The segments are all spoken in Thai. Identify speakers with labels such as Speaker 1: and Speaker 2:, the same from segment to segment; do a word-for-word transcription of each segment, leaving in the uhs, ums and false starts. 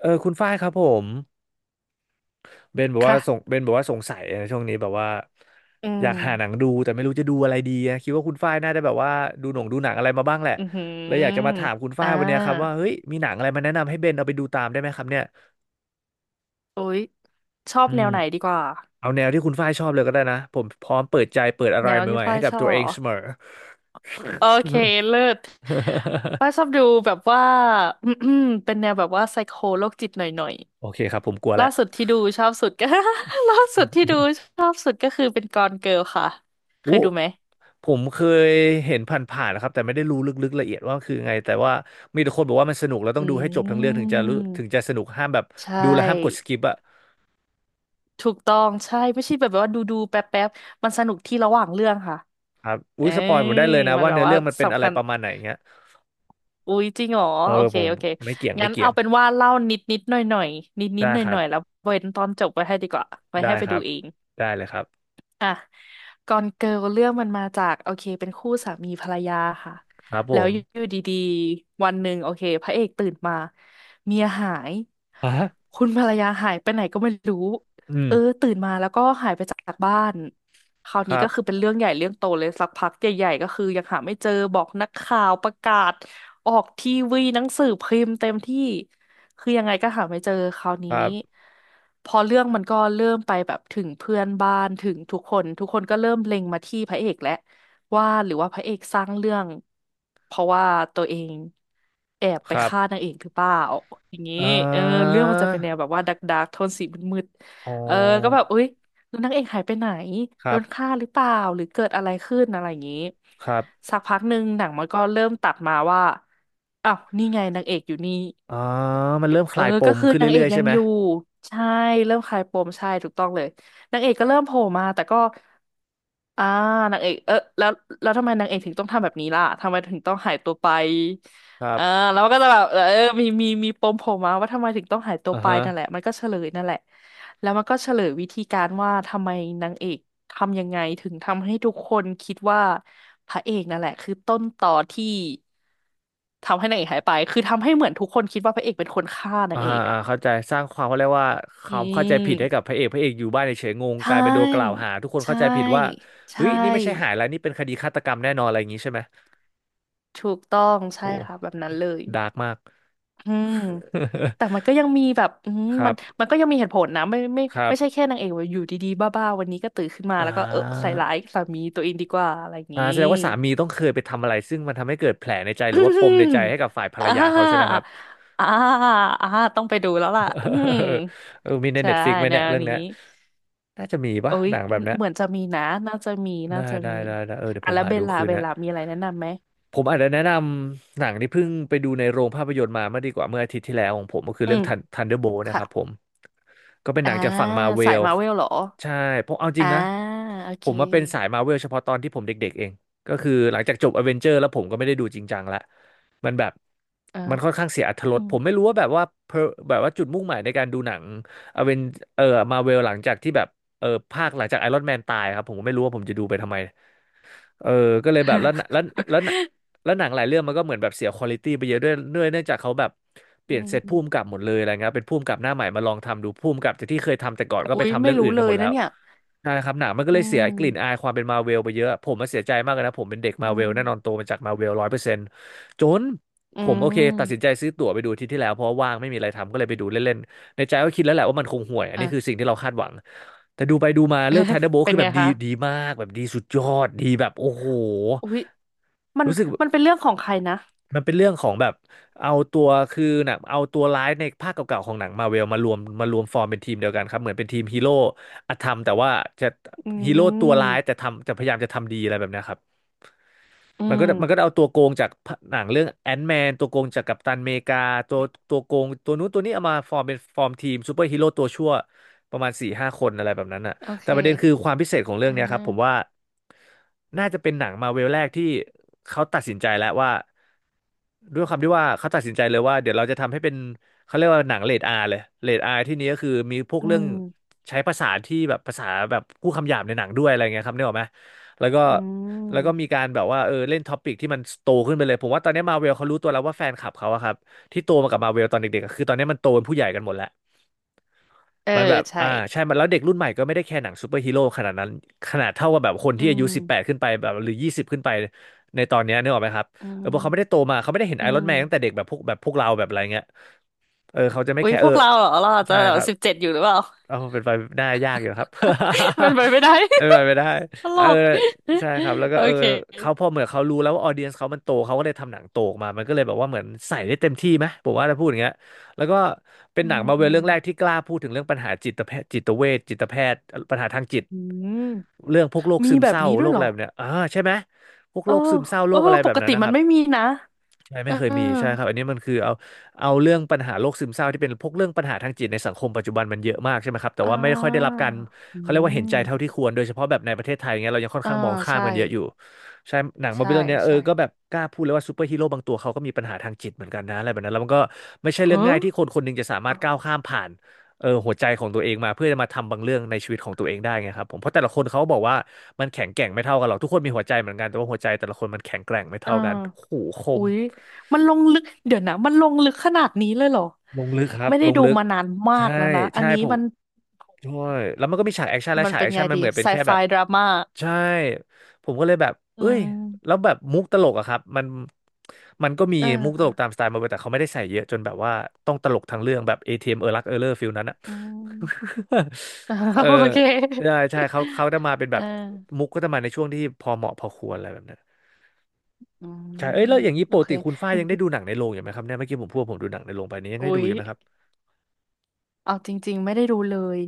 Speaker 1: เออคุณฝ้ายครับผมเบนบอกว่าสง
Speaker 2: ค่ะ
Speaker 1: เบนบอกว่าสงสัยนะช่วงนี้แบบว่า
Speaker 2: อื
Speaker 1: อยากหาหนั
Speaker 2: ม
Speaker 1: งดูแต่ไม่รู้จะดูอะไรดีอะคิดว่าคุณฝ้ายน่าจะแบบว่าดูหนังดูหนังอะไรมาบ้างแหละ
Speaker 2: อือหื
Speaker 1: เลยอยากจะมา
Speaker 2: อ
Speaker 1: ถามคุณ
Speaker 2: อ่
Speaker 1: ฝ้ายวันเนี้ยครับว่า
Speaker 2: า
Speaker 1: เฮ้ยมีหนังอะไรมาแนะนำให้เบนเอาไปดูตามได้ไหมครับเนี่ย
Speaker 2: อุ๊ยชอบ
Speaker 1: อื
Speaker 2: แน
Speaker 1: ม
Speaker 2: วไหนดีกว่า
Speaker 1: เอาแนวที่คุณฝ้ายชอบเลยก็ได้นะผมพร้อมเปิดใจเปิดอะไร
Speaker 2: แนวที่
Speaker 1: ใหม่ๆ
Speaker 2: ฝ้า
Speaker 1: ให้
Speaker 2: ย
Speaker 1: กั
Speaker 2: ช
Speaker 1: บ
Speaker 2: อบ
Speaker 1: ตัวเอ
Speaker 2: เหร
Speaker 1: ง
Speaker 2: อ
Speaker 1: เสมอ
Speaker 2: โอเค เลิศฝ้ายชอบดูแบบว่า เป็นแนวแบบว่าไซโคโรคจิตหน่อย
Speaker 1: โอเคครับผมกลัว
Speaker 2: ๆล่า
Speaker 1: ละ
Speaker 2: สุดที่ดูชอบสุดก็ ล่าสุดที่ดูชอบสุดก็คือเป็นกอนเกิลค่ะ เค
Speaker 1: อุ
Speaker 2: ยดูไหม
Speaker 1: ผมเคยเห็นผ่านๆนะครับแต่ไม่ได้รู้ลึกๆละเอียดว่าคือไงแต่ว่ามีแต่คนบอกว่ามันสนุกแล้วต้อ
Speaker 2: อื
Speaker 1: งดูให้จบ
Speaker 2: ม
Speaker 1: ทั้งเรื่องถึงจะรู้ถึงจะสนุกห้ามแบบ
Speaker 2: ใช่
Speaker 1: ดูแล้วห้ามกดสกิปอะ
Speaker 2: ถูกต้อง ใช่ ไม่ใช่แบบว่าดูดูแป๊บแป๊บมันสนุกที่ระหว่างเรื่องค่ะ
Speaker 1: ครับอุ้
Speaker 2: เอ
Speaker 1: ย
Speaker 2: อ
Speaker 1: สปอยผมได้เลยนะ
Speaker 2: มัน
Speaker 1: ว่า
Speaker 2: แบบ
Speaker 1: เนื้อ
Speaker 2: ว่า
Speaker 1: เรื่องมันเป็นอะ
Speaker 2: สำ
Speaker 1: ไร
Speaker 2: คัญ
Speaker 1: ประมาณไหนเงี้ย
Speaker 2: อุ๊ยจริงเหรอ
Speaker 1: เออ
Speaker 2: โอเค
Speaker 1: ผม
Speaker 2: โอเค
Speaker 1: ไม่เกี่ยงไม่
Speaker 2: งั้น
Speaker 1: เกี่ย
Speaker 2: เอา
Speaker 1: ง
Speaker 2: เป็นว่าเล่านิดนิดหน่อยหน่อยนิดนิ
Speaker 1: ได้
Speaker 2: ดหน่อ
Speaker 1: ค
Speaker 2: ย
Speaker 1: รั
Speaker 2: หน่อยๆแล้
Speaker 1: บ
Speaker 2: วเว้นตอนจบไว้ให้ดีกว่าไว้
Speaker 1: ได้
Speaker 2: ให้ไป
Speaker 1: ครั
Speaker 2: ดู
Speaker 1: บ
Speaker 2: เอง
Speaker 1: ได้เลยครับ
Speaker 2: อ่ะกอนเกิลเรื่องมันมาจากโอเคเป็นคู่สามีภรรยาค่ะ
Speaker 1: ครับผ
Speaker 2: แล้ว
Speaker 1: ม
Speaker 2: อยู่ดีๆวันหนึ่งโอเคพระเอกตื่นมาเมียหาย
Speaker 1: อ่ะ
Speaker 2: คุณภรรยาหายไปไหนก็ไม่รู้
Speaker 1: อืม
Speaker 2: เออตื่นมาแล้วก็หายไปจากบ้านคราว
Speaker 1: ค
Speaker 2: นี้
Speaker 1: รั
Speaker 2: ก็
Speaker 1: บ
Speaker 2: คือเป็นเรื่องใหญ่เรื่องโตเลยสักพักใหญ่ๆก็คือยังหาไม่เจอบอกนักข่าวประกาศออกทีวีหนังสือพิมพ์เต็มที่ คือยังไงก็หาไม่เจอคราว
Speaker 1: ค
Speaker 2: นี้
Speaker 1: รับ
Speaker 2: พอเรื่องมันก็เริ่มไปแบบถึงเพื่อนบ้านถึงทุกคนทุกคนก็เริ่มเล็งมาที่พระเอกแล้วว่าหรือว่าพระเอกสร้างเรื่องเพราะว่าตัวเองแอบ
Speaker 1: ค
Speaker 2: ไป
Speaker 1: รับ
Speaker 2: ฆ่านางเอกหรือเปล่าอย่างนี้
Speaker 1: อ่
Speaker 2: เออ
Speaker 1: า
Speaker 2: เรื่องมันจะเป็นแนวแบบว่าดักดักโทนสีมืด
Speaker 1: อ๋อ
Speaker 2: ๆเออก็แบบอุ๊ยแล้วนางเอกหายไปไหน
Speaker 1: ค
Speaker 2: โด
Speaker 1: รั
Speaker 2: นฆ่า
Speaker 1: บ
Speaker 2: หรือเปล่าหรือเกิดอะไรขึ้นอะไรอย่างนี้
Speaker 1: ครับ
Speaker 2: สักพักหนึ่งหนังมันก็เริ่มตัดมาว่าอ้าวนี่ไงนางเอกอยู่นี่
Speaker 1: อ๋อมันเริ่มค
Speaker 2: เออ
Speaker 1: ลายป
Speaker 2: ก็
Speaker 1: ม
Speaker 2: คือ
Speaker 1: ขึ้น
Speaker 2: นางเอ
Speaker 1: เรื่
Speaker 2: ก
Speaker 1: อยๆ
Speaker 2: ยั
Speaker 1: ใช่
Speaker 2: ง
Speaker 1: ไหม
Speaker 2: อยู่ใช่เริ่มคลายปมใช่ถูกต้องเลยนางเอกก็เริ่มโผล่มาแต่ก็อ่านางเอกเออแล้วแล้วทำไมนางเอกถึงต้องทำแบบนี้ล่ะทำไมถึงต้องหายตัวไป
Speaker 1: ครั
Speaker 2: อ่า
Speaker 1: บ
Speaker 2: แล้วมันก็จะแบบเออมีมีมีปมโผล่มาว่าทำไมถึงต้องหายตัว
Speaker 1: อ่า
Speaker 2: ไป
Speaker 1: ฮะ
Speaker 2: นั่นแหละมันก็เฉลยนั่นแหละแล้วมันก็เฉลยวิธีการว่าทำไมนางเอก ทำยังไงถึงทำให้ทุกคนคิดว่าพระเอกนั่นแหละคือต้นต่อที่ทำให้นางเอกหายไปคือทำให้เหมือนทุกคนคิดว่าพระเอกเป็นคนฆ่านา
Speaker 1: อ่า
Speaker 2: งเอก
Speaker 1: อ่า
Speaker 2: อ่ะ
Speaker 1: เข้าใจสร้างความเขาเรียกว่าค
Speaker 2: อื
Speaker 1: วามเข้าใจผิดให้กั
Speaker 2: ม
Speaker 1: บพระเอกพระเอกอยู่บ้านเฉยๆงง
Speaker 2: ใช
Speaker 1: กลายเป็นโดนกล่าว
Speaker 2: ่
Speaker 1: หาทุกคนเข้า
Speaker 2: ใช่
Speaker 1: ใจผิดว่าเฮ้
Speaker 2: ใช่
Speaker 1: ยนี่ไม่ใช่หายแล้วนี่เป็นคดีฆาตกรรมแน่นอนอะไรอย่างนี้ใช่ไหม
Speaker 2: ถูกต้องใช่
Speaker 1: โห
Speaker 2: ค่ะแบบนั้นเลย
Speaker 1: ดาร์กมาก
Speaker 2: อืมแต่มันก็ ยังมีแบบอืม
Speaker 1: ครั
Speaker 2: มัน
Speaker 1: บ
Speaker 2: มันก็ยังมีเหตุผลนะไม่ไม่
Speaker 1: ครับ
Speaker 2: ไม่ใช่แค่นางเอกว่าอยู่ดีๆบ้าๆวันนี้ก็ตื่นขึ้นมา
Speaker 1: อ่
Speaker 2: แล้วก็เออใส่
Speaker 1: า
Speaker 2: ร้ายสามีตัวเองดีกว่าอะไรอย่าง
Speaker 1: อ่า
Speaker 2: นี้
Speaker 1: แสดงว่าสามีต้องเคยไปทำอะไรซึ่งมันทำให้เกิดแผลในใจ ห
Speaker 2: อื
Speaker 1: รือว่าปมใน
Speaker 2: ม
Speaker 1: ใจให้กับฝ่ายภร
Speaker 2: อ่
Speaker 1: รยาเขาใช่ไหมค
Speaker 2: า
Speaker 1: รับ
Speaker 2: อ่าอ่าต้องไปดูแล้วล่ะอืม
Speaker 1: เออมีในเต
Speaker 2: ใช่
Speaker 1: ฟิกไหม
Speaker 2: แน
Speaker 1: เนี่ย
Speaker 2: ว
Speaker 1: เรื่อง
Speaker 2: นี้
Speaker 1: เนี้ยน่าจะมีปะ
Speaker 2: โอ้ย
Speaker 1: หนังแบบเนี้ย
Speaker 2: เหมือนจะมีนะน่าจะมีน่า
Speaker 1: ได้
Speaker 2: จะ
Speaker 1: ได้
Speaker 2: มี
Speaker 1: ได้ได้เออเดี๋ยว
Speaker 2: อ่ะ
Speaker 1: ผม
Speaker 2: แล้ว
Speaker 1: หา
Speaker 2: เบ
Speaker 1: ดู
Speaker 2: ลล่า
Speaker 1: คืน
Speaker 2: เบล
Speaker 1: นะ
Speaker 2: ล่ามีอะไรแนะนำไหม
Speaker 1: ผมอาจจะแนะนำหนังที่เพิ่งไปดูในโรงภาพยนตร์มาเมื่อดีกว่าเมื่ออาทิตย์ที่แล้วของผมก็คือ
Speaker 2: อื
Speaker 1: เรื่อง
Speaker 2: ม
Speaker 1: Thun- Thunderbolt นะค
Speaker 2: ค่ะ
Speaker 1: รับผมก็เป็นห
Speaker 2: อ่า
Speaker 1: นังจากฝั่งมาเว
Speaker 2: สาย
Speaker 1: ล
Speaker 2: มาเวลเหรอ
Speaker 1: ใช่เพราะเอาจริ
Speaker 2: อ่า
Speaker 1: งนะ
Speaker 2: โอ
Speaker 1: ผ
Speaker 2: เค
Speaker 1: มมาเป็นสายมาเวลเฉพาะตอนที่ผมเด็กๆเองก็คือหลังจากจบอเวนเจอร์แล้วผมก็ไม่ได้ดูจริงจังละมันแบบ
Speaker 2: อ่า
Speaker 1: มันค่อนข้างเสียอรรถร
Speaker 2: อื
Speaker 1: ส
Speaker 2: ม
Speaker 1: ผมไม่รู้ว่าแบบว่า per- แบบว่าจุดมุ่งหมายในการดูหนังอเวนเออมาเวลหลังจากที่แบบเออภาคหลังจากไอรอนแมนตายครับผมก็ไม่รู้ว่าผมจะดูไปทำไม เออก็เลยแบบแล้วแล้วแล้ว แล้วหนังหลายเรื่องมันก็เหมือนแบบเสียควอลิตี้ไปเยอะด้วยด้วยเนื่องจากเขาแบบเป
Speaker 2: อื
Speaker 1: ลี่ยนเซต
Speaker 2: ม
Speaker 1: ผู้กำกับหมดเลยอะไรเงี้ยเป็นผู้กำกับหน้าใหม่มาลองทำดูผู้กำกับจากที่เคยทำแต่ก่อนก็
Speaker 2: อุ้
Speaker 1: ไป
Speaker 2: ย
Speaker 1: ทำ
Speaker 2: ไม่
Speaker 1: เรื่อง
Speaker 2: รู้
Speaker 1: อื่น
Speaker 2: เล
Speaker 1: กันหม
Speaker 2: ย
Speaker 1: ดแล้
Speaker 2: นะ
Speaker 1: ว
Speaker 2: เนี่ย
Speaker 1: ใช่ครับหนังมันก็
Speaker 2: อื
Speaker 1: เลยเสียกลิ่นอา
Speaker 2: ม
Speaker 1: ยความเป็นมาเวลไปเยอะผมมาเสียใจมากเลยนะผมเป็นเด็กมา
Speaker 2: อื
Speaker 1: เว
Speaker 2: ม
Speaker 1: ลแน่นอนโตมาจากมาเวลร้อยเปอร์เซ็นต์จน
Speaker 2: อื
Speaker 1: ผมโอเคตัดสินใจ
Speaker 2: ม
Speaker 1: ซื้อตั๋วไปดูอาทิตย์ที่แล้วเพราะว่าว่างไม่มีอะไรทำก็เลยไปดูเล่น ในใจก็คิดแล้วแหละว่ามันคงห่วยอัน
Speaker 2: อ่ะ
Speaker 1: นี้คือสิ่งที่เราคาดหวังแต่ดูไปดูมาเลือกไทเดอร์โบ
Speaker 2: เป็
Speaker 1: คื
Speaker 2: น
Speaker 1: อแบ
Speaker 2: ไง
Speaker 1: บดี
Speaker 2: คะ
Speaker 1: ดีมากแบบดีสุดยอดดีแบบโอ้โห
Speaker 2: อุ้ยมัน
Speaker 1: รู้สึก
Speaker 2: มันเป็นเรื่องของใครนะ
Speaker 1: มันเป็นเรื่องของแบบเอาตัวคือหนังเอาตัวร้ายในภาคเก่าๆของหนังมาเวลมารวมมารวมฟอร์มเป็นทีมเดียวกันครับเหมือนเป็นทีมฮีโร่อธรรมแต่ว่าจะ
Speaker 2: อื
Speaker 1: ฮีโร่ตัวร้า
Speaker 2: ม
Speaker 1: ยแต่ทำจะพยายามจะทำดีอะไรแบบเนี้ยครับ
Speaker 2: อื
Speaker 1: มันก็
Speaker 2: ม
Speaker 1: มันก็เอาตัวโกงจากหนังเรื่องแอนแมนตัวโกงจากกัปตันอเมริกาตัวตัวโกงตัวนู้นตัวนี้เอามาฟอร์มเป็นฟอร์มทีมซูเปอร์ฮีโร่ตัวชั่วประมาณสี่ห้าคนอะไรแบบนั้นอ่ะ
Speaker 2: โอ
Speaker 1: แต่
Speaker 2: เค
Speaker 1: ประเด็นคือความพิเศษของเรื่
Speaker 2: อ่
Speaker 1: องเนี้ยครับผม
Speaker 2: า
Speaker 1: ว่าน่าจะเป็นหนังมาเวลแรกที่เขาตัดสินใจแล้วว่าด้วยความที่ว่าเขาตัดสินใจเลยว่าเดี๋ยวเราจะทำให้เป็นเขาเรียกว่าหนังเรทอาร์เลยเรทอาร์ที่นี้ก็คือมีพวก
Speaker 2: อื
Speaker 1: เรื่อง
Speaker 2: ม
Speaker 1: ใช้ภาษาที่แบบภาษาแบบพูดคำหยาบในหนังด้วยอะไรเงี้ยครับนึกออกไหม แล้วก็
Speaker 2: อืม
Speaker 1: แล้วก็มีการแบบว่าเออเล่นท็อปิกที่มันโตขึ้นไปเลยผมว่าตอนนี้มาเวลเขารู้ตัวแล้วว่าแฟนคลับเขาอะครับที่โตมากับมาเวลตอนเด็กๆอะคือตอนนี้มันโตเป็นผู้ใหญ่กันหมดแล้ว
Speaker 2: เออ
Speaker 1: มันแบบ
Speaker 2: ใช่
Speaker 1: อ่าใช่มันแล้วเด็กรุ่นใหม่ก็ไม่ได้แค่หนังซูเปอร์ฮีโร่ขนาดนั้นขนาดเท่ากับแบบคน
Speaker 2: อื
Speaker 1: ที่อายุสิบแปด
Speaker 2: ม
Speaker 1: ขึ้นไปแบบหรือยี่สิบขึ้นไปในตอนเนี้ยนึกออกไหมครับ
Speaker 2: อื
Speaker 1: เออเพราะเขาไม่ได้
Speaker 2: ม
Speaker 1: โตมาเขาไม่ได้เห็น
Speaker 2: อื
Speaker 1: ไอรอน
Speaker 2: ม
Speaker 1: แมนตั้งแต่เด็กแบบพวกแบบพวกเราแบบอะไรเงี้ยเออเขาจะไม่
Speaker 2: อุ๊ย
Speaker 1: แค่
Speaker 2: พ
Speaker 1: เออ
Speaker 2: วกเราเหรอเราอาจ
Speaker 1: ใช่
Speaker 2: จะ
Speaker 1: ครับ
Speaker 2: สิบเจ็ดอยู่หรือเปล่า
Speaker 1: เอาเป็นไปได้ายากอยู่ครับ
Speaker 2: มันไปไม่ได้
Speaker 1: เป็นไปไม่ได้
Speaker 2: ต
Speaker 1: เอ
Speaker 2: ล
Speaker 1: อ
Speaker 2: ก
Speaker 1: ใช่ครับแล้วก็
Speaker 2: โอ
Speaker 1: เออ
Speaker 2: เค
Speaker 1: เขาพอเหมือนเขารู้แล้วว่าออเดียนเขามันโตเขาก็เลยทำหนังโตออกมามันก็เลยแบบว่าเหมือนใส่ได้เต็มที่ไหมผมว่าถ้าพูดอย่างเงี้ยแล้วก็เป็น
Speaker 2: อื
Speaker 1: หนัง
Speaker 2: ม
Speaker 1: มาเว
Speaker 2: อื
Speaker 1: ล
Speaker 2: ม
Speaker 1: เรื่องแรกที่กล้าพูดถึงเรื่องปัญหาจิตแพทย์จิตเวชจิตแพทย์ปัญหาทางจิต
Speaker 2: อืม
Speaker 1: เรื่องพวกโรค
Speaker 2: มี
Speaker 1: ซึม
Speaker 2: แบ
Speaker 1: เศ
Speaker 2: บ
Speaker 1: ร้า
Speaker 2: นี้ด้
Speaker 1: โร
Speaker 2: วย
Speaker 1: ค
Speaker 2: เหร
Speaker 1: อะ
Speaker 2: อ
Speaker 1: ไรแบบเนี้ยอ่าใช่ไหมพวก
Speaker 2: เอ
Speaker 1: โร
Speaker 2: อ
Speaker 1: คซึมเศร้าโร
Speaker 2: เออ
Speaker 1: คอะไร
Speaker 2: ป
Speaker 1: แบบ
Speaker 2: ก
Speaker 1: นั้
Speaker 2: ติ
Speaker 1: นนะค
Speaker 2: มัน
Speaker 1: รับ
Speaker 2: ไม่มีนะ
Speaker 1: ใช่
Speaker 2: เออ
Speaker 1: ไม่เคยมีใช่ครับอันนี้มันคือเอาเอาเรื่องปัญหาโรคซึมเศร้าที่เป็นพวกเรื่องปัญหาทางจิตในสังคมปัจจุบันมันเยอะมากใช่ไหมครับแต่
Speaker 2: อ่า
Speaker 1: ว่าไม่ค่อยได้รับการ
Speaker 2: อื
Speaker 1: เขาเรียกว่าเห็นใจเท่า
Speaker 2: ม
Speaker 1: ที่ควรโดยเฉพาะแบบในประเทศไทยเงี้ยเรายังค่อน
Speaker 2: อ่า
Speaker 1: ข้างมองข้าม
Speaker 2: ใช่
Speaker 1: กันเยอะอยู่ใช่หนังมาร์
Speaker 2: ใช่
Speaker 1: เวลเนี่ยเออ
Speaker 2: ใช่
Speaker 1: ก็แบบกล้าพูดเลยว่าซูเปอร์ฮีโร่บางตัวเขาก็มีปัญหาทางจิตเหมือนกันนะอะไรแบบนั้นแล้วมันก็ไม่ใช่เรื่อง
Speaker 2: เฮ้
Speaker 1: ง่า
Speaker 2: อ
Speaker 1: ยที่คนคนหนึงจะสามารถก้าวข้ามผ่านเออหัวใจของตัวเองมาเพื่อจะมาทำบางเรื่องในชีวิตของตัวเองได้ไงครับผมเพราะแต่ละคนเขาบอกว่ามันแข็งแกร่งไม่เท่ากันหรอกทุกคนมีหัวใจเหมือนกันแต่ว่าหัวใจแต่ละคนมันแข็งแกร่งไม่
Speaker 2: อ่า
Speaker 1: เท่ากันโอ้โหคม
Speaker 2: อุ๊ยมันลงลึกเดี๋ยวนะมันลงลึกขนาดนี้เลยเหรอ
Speaker 1: ลงลึกครับ
Speaker 2: ไม่ได้
Speaker 1: ลง
Speaker 2: ดู
Speaker 1: ลึก
Speaker 2: มานานมา
Speaker 1: ใช่
Speaker 2: กแล้วนะ อัน
Speaker 1: ใช่
Speaker 2: นี้
Speaker 1: ผม
Speaker 2: มัน
Speaker 1: ใช่แล้วมันก็มีฉากแอคชั่นและ
Speaker 2: มัน
Speaker 1: ฉาก
Speaker 2: เป็
Speaker 1: แอ
Speaker 2: น
Speaker 1: ค
Speaker 2: ไง
Speaker 1: ชั่นมัน
Speaker 2: ดี
Speaker 1: เหมือนเป็
Speaker 2: ไซ
Speaker 1: นแค่
Speaker 2: ไฟ
Speaker 1: แบบ
Speaker 2: ดราม่า
Speaker 1: ใช่ผมก็เลยแบบ
Speaker 2: อื
Speaker 1: เอ้ยแล้ว
Speaker 2: ม
Speaker 1: แบบมุกตลกอะครับมันมันก็มีมุกตล
Speaker 2: เอ
Speaker 1: ก
Speaker 2: อ
Speaker 1: ตามสไตล์มาเวแต่เขาไม่ได้ใส่เยอะจนแบบว่าต้องตลกทางเรื่องแบบ เอ ที เอ็ม เอมเออรักเออเลอร์ฟิลนั้นอะ
Speaker 2: อืม
Speaker 1: เออ
Speaker 2: โอเค
Speaker 1: ใช่ใช่เขาเขาจะมาเป็นแบ
Speaker 2: เออ
Speaker 1: บมุกก็จะมาในช่วงที่พอเหมาะพอควรอะไรแบบนั้น
Speaker 2: อืม
Speaker 1: ใช่เอ้ยแล้วอย่างนี้
Speaker 2: โอ
Speaker 1: ปก
Speaker 2: เค
Speaker 1: ติคุณฝ้ายยังได้ดูหนังในโรงอยู่ไหมครับเนี่ยเมื่อกี้ผมพูดว่าผมดูหนังในโรงไปนี้ยังได้
Speaker 2: อุ๊
Speaker 1: ดู
Speaker 2: ย
Speaker 1: อยู่ไหมครับ
Speaker 2: เอาจริงๆไม่ได้ดูเลย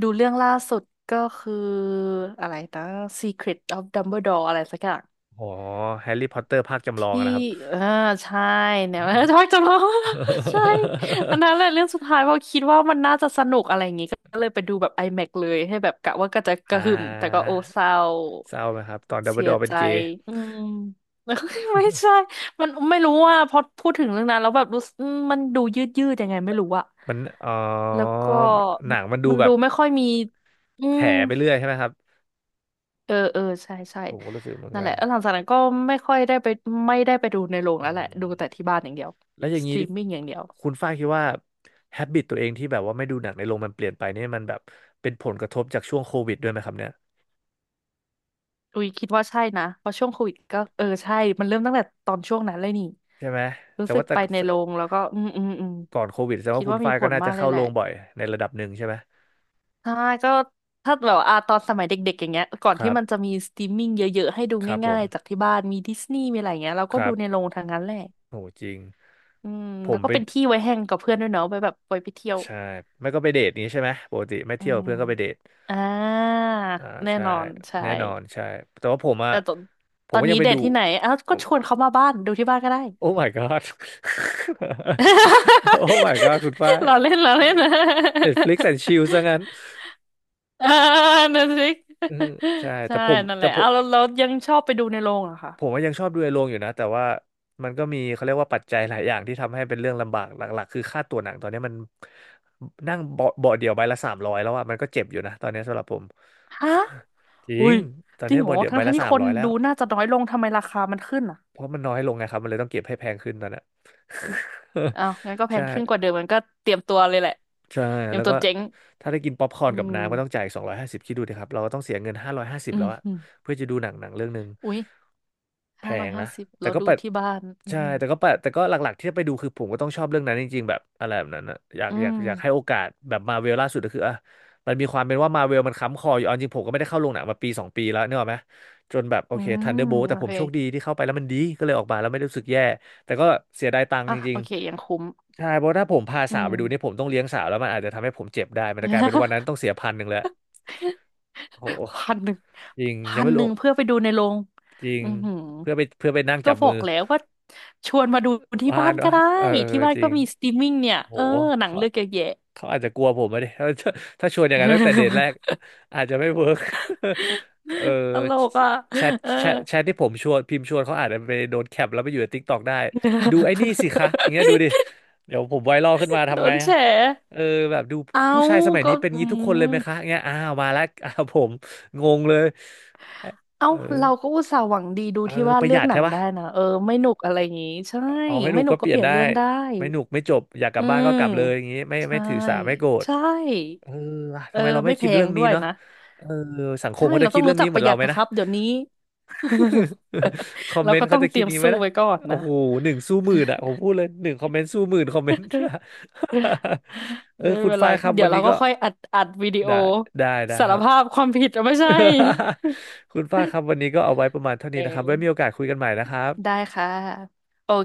Speaker 2: ดูเรื่องล่าสุดก็คืออะไรนะ Secret of Dumbledore อะไรสักอย่าง
Speaker 1: โอ้แฮร์รี่พอตเตอร์ภาคจำลอง
Speaker 2: ที่
Speaker 1: อะนะครับ
Speaker 2: เออใช่เนี่ย ชอบจะร้อง ใช่อัน นั้นแหละเรื่องสุดท้ายเพราะคิดว่ามันน่าจะสนุกอะไรอย่างงี้ก็เลยไปดูแบบ IMAX เลยให้แบบกะว่าก็จะก
Speaker 1: อ่า
Speaker 2: ระหึ่มแต่ก็โอเศร้า
Speaker 1: เศร้าไหมครับตอนดัมเบิ
Speaker 2: เสี
Speaker 1: ลด
Speaker 2: ย
Speaker 1: อร์เป็
Speaker 2: ใจ
Speaker 1: นเกย์
Speaker 2: อืม ไม่ใช่มันไม่รู้ว่าพอพูดถึงเรื่องนั้นแล้วแบบรู้สึกอืมมันดูยืดยืดยังไงไม่รู้อะ
Speaker 1: มันอ๋อ
Speaker 2: แล้วก็
Speaker 1: หนังมันดู
Speaker 2: มัน
Speaker 1: แบ
Speaker 2: ดู
Speaker 1: บ
Speaker 2: ไม่ค่อยมีอื
Speaker 1: แถ
Speaker 2: ม
Speaker 1: ไปเรื่อยใช่ไหมครับ
Speaker 2: เออเออใช่ใช่
Speaker 1: ผมก็รู้สึกเหมือน
Speaker 2: นั่นแห
Speaker 1: กั
Speaker 2: ละ
Speaker 1: น
Speaker 2: แล้วหลังจากนั้นก็ไม่ค่อยได้ไปไม่ได้ไปดูในโรง
Speaker 1: อื
Speaker 2: แล้วแหละ
Speaker 1: ม
Speaker 2: ดูแต่ที่บ้านอย่างเดียว
Speaker 1: แล้วอย่าง
Speaker 2: สต
Speaker 1: นี้
Speaker 2: รีมมิ่งอย่างเดียว
Speaker 1: คุณฝ้ายคิดว่าแฮบิตตัวเองที่แบบว่าไม่ดูหนังในโรงมันเปลี่ยนไปเนี่ยมันแบบเป็นผลกระทบจากช่วงโควิดด้วยไหมครับเนี่ย
Speaker 2: อุ้ยคิดว่าใช่นะเพราะช่วงโควิดก็เออใช่มันเริ่มตั้งแต่ตอนช่วงนั้นเลยนี่
Speaker 1: ใช่ไหม
Speaker 2: รู้
Speaker 1: แต่
Speaker 2: สึ
Speaker 1: ว่า
Speaker 2: ก
Speaker 1: แต่
Speaker 2: ไปในโรงแล้วก็อืมอืมอืม
Speaker 1: ก่อนโควิดแสดง
Speaker 2: คิด
Speaker 1: ว่าคุณ
Speaker 2: ว่ามี
Speaker 1: ฝ้าย
Speaker 2: ผ
Speaker 1: ก็
Speaker 2: ล
Speaker 1: น่า
Speaker 2: มา
Speaker 1: จะ
Speaker 2: กเล
Speaker 1: เข้า
Speaker 2: ยแห
Speaker 1: โร
Speaker 2: ละ
Speaker 1: งบ่อยในระดับหนึ่งใช่ไหม
Speaker 2: ใช่ก็ถ้าแบบอ่าตอนสมัยเด็กๆอย่างเงี้ยก่อน
Speaker 1: ค
Speaker 2: ที่
Speaker 1: รั
Speaker 2: มันจะ
Speaker 1: บ
Speaker 2: มีสตรีมมิ่งเยอะๆให้ดู
Speaker 1: ครับผ
Speaker 2: ง่า
Speaker 1: ม
Speaker 2: ยๆจากที่บ้านมีดิสนีย์มีอะไรอย่างเงี้ยเรา
Speaker 1: ค
Speaker 2: ก็
Speaker 1: รั
Speaker 2: ดูในโร
Speaker 1: บ
Speaker 2: งทางนั้นแหละ
Speaker 1: โหจริง
Speaker 2: อืม
Speaker 1: ผ
Speaker 2: แล้ว
Speaker 1: ม
Speaker 2: ก็
Speaker 1: ไป
Speaker 2: เป็นที่ไว้แฮงกับเพื่อนด้วยเนาะไปแบบไปไปเที่ยว
Speaker 1: ใช่ไม่ก็ไปเดทนี้ใช่ไหมปกติไม่
Speaker 2: อื
Speaker 1: เที่ยว
Speaker 2: ม
Speaker 1: เพื่อนก็ไปเดท
Speaker 2: อ่า
Speaker 1: อ่า
Speaker 2: แน่
Speaker 1: ใช่
Speaker 2: นอนใช่
Speaker 1: แน่นอนใช่แต่ว่าผมอะ
Speaker 2: แต่ตอน
Speaker 1: ผ
Speaker 2: ต
Speaker 1: ม
Speaker 2: อน
Speaker 1: ก็ยั
Speaker 2: นี้
Speaker 1: งไป
Speaker 2: เด
Speaker 1: ดู
Speaker 2: ทที่ไหนอ้าวก็ชวนเขามาบ้านดูที่บ้านก็ได้
Speaker 1: โอ้ my god โอ้ my god คุณฝ้าย
Speaker 2: เราเล่นเราเล่น นะ
Speaker 1: เน็ตฟลิกซ์ and chill ซะงั้น
Speaker 2: เออนั่นสิ
Speaker 1: อืมใช่แต่
Speaker 2: ใช่
Speaker 1: ผม
Speaker 2: นั่นแห
Speaker 1: แต่
Speaker 2: ละ
Speaker 1: ผม
Speaker 2: เอาแล้วแล้วยังชอบไปดูในโรงเหรอคะ
Speaker 1: ผมว่ายังชอบดูในโรงอยู่นะแต่ว่ามันก็มีเขาเรียกว่าปัจจัยหลายอย่างที่ทำให้เป็นเรื่องลำบากหลักๆคือค่าตั๋วหนังตอนนี้มันนั่งเบาะเบาะเดียวใบละสามร้อยแล้วอะมันก็เจ็บอยู่นะตอนนี้สำหรับผม
Speaker 2: ฮะ
Speaker 1: จริ
Speaker 2: อุ้
Speaker 1: ง
Speaker 2: ย
Speaker 1: ตอน
Speaker 2: จริ
Speaker 1: นี้
Speaker 2: งเหรอ
Speaker 1: เบาะเดียว
Speaker 2: ทั้
Speaker 1: ใบ
Speaker 2: งทั้ง
Speaker 1: ละ
Speaker 2: ที่
Speaker 1: สาม
Speaker 2: คน
Speaker 1: ร้อยแล้
Speaker 2: ดู
Speaker 1: ว
Speaker 2: น่าจะน้อยลงทำไมราคามันขึ้นอ่ะ
Speaker 1: เพราะมันน้อยลงไงครับมันเลยต้องเก็บให้แพงขึ้นตอนเนี้ย
Speaker 2: อ้าวงั้นก็ แพ
Speaker 1: ใช่
Speaker 2: งขึ้นกว่าเดิมมันก็เตรียมตัวเลยแหละ
Speaker 1: ใช่
Speaker 2: เตรียม
Speaker 1: แล้ว
Speaker 2: ตัว
Speaker 1: ก็
Speaker 2: เจ๊ง
Speaker 1: ถ้าได้กินป๊อปคอร์น
Speaker 2: อื
Speaker 1: กับ
Speaker 2: ม
Speaker 1: น้ำก็ต้องจ่ายสองร้อยห้าสิบคิดดูดิครับเราก็ต้องเสียเงินห้าร้อยห้าสิบ
Speaker 2: อื
Speaker 1: แล้
Speaker 2: ม
Speaker 1: วอะ
Speaker 2: อม
Speaker 1: เพื่อจะดูหนังหนังเรื่องหนึ่ง
Speaker 2: อุ้ย
Speaker 1: แพ
Speaker 2: ห้าร้อ
Speaker 1: ง
Speaker 2: ยห้า
Speaker 1: นะ
Speaker 2: สิบ
Speaker 1: แต่
Speaker 2: เรา
Speaker 1: ก็
Speaker 2: ดู
Speaker 1: แปด
Speaker 2: ที่บ้านอื
Speaker 1: ใช่
Speaker 2: ม
Speaker 1: แต่ก็แปดแต่ก็หลักๆที่จะไปดูคือผมก็ต้องชอบเรื่องนั้นจริงๆแบบอะไรแบบนั้นอะอยาก
Speaker 2: อื
Speaker 1: อยาก
Speaker 2: ม
Speaker 1: อยากให้โอกาสแบบมาเวลล่าสุดก็คืออ่ะมันมีความเป็นว่ามาเวลมันค้ำคออยู่เอาจริงผมก็ไม่ได้เข้าโรงหนังมาปีสองปีแล้วเนกอะไหมจนแบบโอ
Speaker 2: อื
Speaker 1: เคทันเดอร์
Speaker 2: ม
Speaker 1: โบ t
Speaker 2: โอ
Speaker 1: แต่ผม
Speaker 2: เค
Speaker 1: โชคดีที่เข้าไปแล้วมันดีก็เลยออกมาแล้วไม่ได้รู้สึกแย่ แต่ก็เสียดายตังค์
Speaker 2: อ่ะ
Speaker 1: จริ
Speaker 2: โอ
Speaker 1: ง
Speaker 2: เคยังคุ้ม
Speaker 1: ๆใช่เพราะถ้าผมพา
Speaker 2: อื
Speaker 1: สาวไป
Speaker 2: ม
Speaker 1: ดูนี่ผมต้องเลี้ยงสาวแล้วมันอาจจะทำให้ผมเจ็บได้ มันจะกลายเป็นวันนั้น ต้องเสียพันหนึ่งแล้วโอ้โห
Speaker 2: พันหนึ่ง
Speaker 1: จริง ยั
Speaker 2: พั
Speaker 1: ง
Speaker 2: น
Speaker 1: ไม่
Speaker 2: ห
Speaker 1: รู้
Speaker 2: นึ่งเพื่อไปดูในโรง
Speaker 1: จริง
Speaker 2: อือหือ
Speaker 1: เพื่อไปเพื่อไปนั่ง
Speaker 2: ก็
Speaker 1: จับ
Speaker 2: บ
Speaker 1: มื
Speaker 2: อ
Speaker 1: อ
Speaker 2: กแล้วว่าชวนมาดูที่
Speaker 1: พา
Speaker 2: บ้า
Speaker 1: น
Speaker 2: นก็
Speaker 1: วะ
Speaker 2: ได้
Speaker 1: เออเออ
Speaker 2: ที่บ้าน
Speaker 1: จริ
Speaker 2: ก็
Speaker 1: ง
Speaker 2: มีสตรีมมิ่งเนี่ย
Speaker 1: โห
Speaker 2: เออหนังเลือกเยอะแยะ
Speaker 1: เขาอาจจะกลัวผมอะดิ ถ้าถ้าชวนอย่างนั้นตั้งแต่เดทแรกอาจจะไม่เวิร์ก เออ
Speaker 2: ตลกอ่ะ
Speaker 1: แชท
Speaker 2: เออ
Speaker 1: แชทแชทที่ผมชวนพิมพ์ชวนเขาอาจจะไปโดนแคปแล้วไปอยู่ในติ๊กตอกได้ดูไอ้นี่สิคะอย่างเงี้ยดูดิเดี๋ยวผมไวรัลขึ้นมา
Speaker 2: โด
Speaker 1: ทำไง
Speaker 2: นแฉ
Speaker 1: อะเออแบบดู
Speaker 2: เอา
Speaker 1: ผู้ชายสมัย
Speaker 2: ก็
Speaker 1: นี้เป็น
Speaker 2: อื
Speaker 1: งี้ทุกคน
Speaker 2: ม
Speaker 1: เลยไหมคะเงี้ยอ้าวมาแล้ว อ้าวผมงงเลย
Speaker 2: เอ้า
Speaker 1: เออ
Speaker 2: เราก็อุตส่าห์หวังดีดู
Speaker 1: เออ
Speaker 2: ที่ว่า
Speaker 1: ประ
Speaker 2: เลื
Speaker 1: ห
Speaker 2: อ
Speaker 1: ยั
Speaker 2: ก
Speaker 1: ด
Speaker 2: หนั
Speaker 1: ใช่
Speaker 2: ง
Speaker 1: ปะ
Speaker 2: ได้นะเออไม่หนุกอะไรอย่างงี้ใช่
Speaker 1: อ๋อไม่หนุ
Speaker 2: ไม่
Speaker 1: ก
Speaker 2: หนุ
Speaker 1: ก็
Speaker 2: ก
Speaker 1: เป
Speaker 2: ก็
Speaker 1: ลี่
Speaker 2: เป
Speaker 1: ยน
Speaker 2: ลี่ยน
Speaker 1: ได้
Speaker 2: เรื่องได้
Speaker 1: ไม่หนุกไม่จบอยากกลั
Speaker 2: อื
Speaker 1: บบ้านก็
Speaker 2: ม
Speaker 1: กลับเลยอย่างงี้ไม่
Speaker 2: ใช่
Speaker 1: ไม่ถือสาไม่โกรธ
Speaker 2: ใช่
Speaker 1: เออว่ะ
Speaker 2: เอ
Speaker 1: ทำ
Speaker 2: อ
Speaker 1: ไมเราไม่
Speaker 2: ไม่แพ
Speaker 1: คิดเรื่
Speaker 2: ง
Speaker 1: อง
Speaker 2: ด้
Speaker 1: นี้
Speaker 2: วย
Speaker 1: เนาะ
Speaker 2: นะ
Speaker 1: เออสังคม
Speaker 2: ใช่
Speaker 1: เขาจะ
Speaker 2: เรา
Speaker 1: คิ
Speaker 2: ต้อ
Speaker 1: ด
Speaker 2: ง
Speaker 1: เรื่
Speaker 2: รู้
Speaker 1: อง
Speaker 2: จั
Speaker 1: นี้
Speaker 2: ก
Speaker 1: เห
Speaker 2: ป
Speaker 1: มือ
Speaker 2: ระ
Speaker 1: น
Speaker 2: ห
Speaker 1: เรา
Speaker 2: ยัด
Speaker 1: ไหม
Speaker 2: นะค
Speaker 1: นะ
Speaker 2: รับเดี๋ยวนี้
Speaker 1: คอม
Speaker 2: เรา
Speaker 1: เมน
Speaker 2: ก็
Speaker 1: ต์เขา
Speaker 2: ต้อง
Speaker 1: จะ
Speaker 2: เต
Speaker 1: คิ
Speaker 2: รี
Speaker 1: ด
Speaker 2: ยม
Speaker 1: นี้ไหม
Speaker 2: สู้
Speaker 1: นะ
Speaker 2: ไว้ก่อน
Speaker 1: โอ้
Speaker 2: นะ
Speaker 1: โหหนึ่งสู้หมื่นอ่ะผมพูดเลยหนึ่งคอมเมนต์สู้หมื่นคอมเมนต์ เอ
Speaker 2: ไม่
Speaker 1: อคุณ
Speaker 2: เป็นไร
Speaker 1: ฝ้ายครับ
Speaker 2: เดี๋
Speaker 1: วั
Speaker 2: ย
Speaker 1: น
Speaker 2: วเรา
Speaker 1: นี้
Speaker 2: ก็
Speaker 1: ก็
Speaker 2: ค่อยอัดอัดวิดีโอ
Speaker 1: ได้ได้ได้
Speaker 2: สา
Speaker 1: ค
Speaker 2: ร
Speaker 1: รับ
Speaker 2: ภาพความผิดเอาไม่ใช่
Speaker 1: คุณฝ้ายครับวันนี้ก็เอาไว้ประมาณเท่า
Speaker 2: เอ
Speaker 1: นี้นะครับ
Speaker 2: อ
Speaker 1: ไว้มีโอกาสคุยกันใหม่นะครับ
Speaker 2: ได้ค่ะ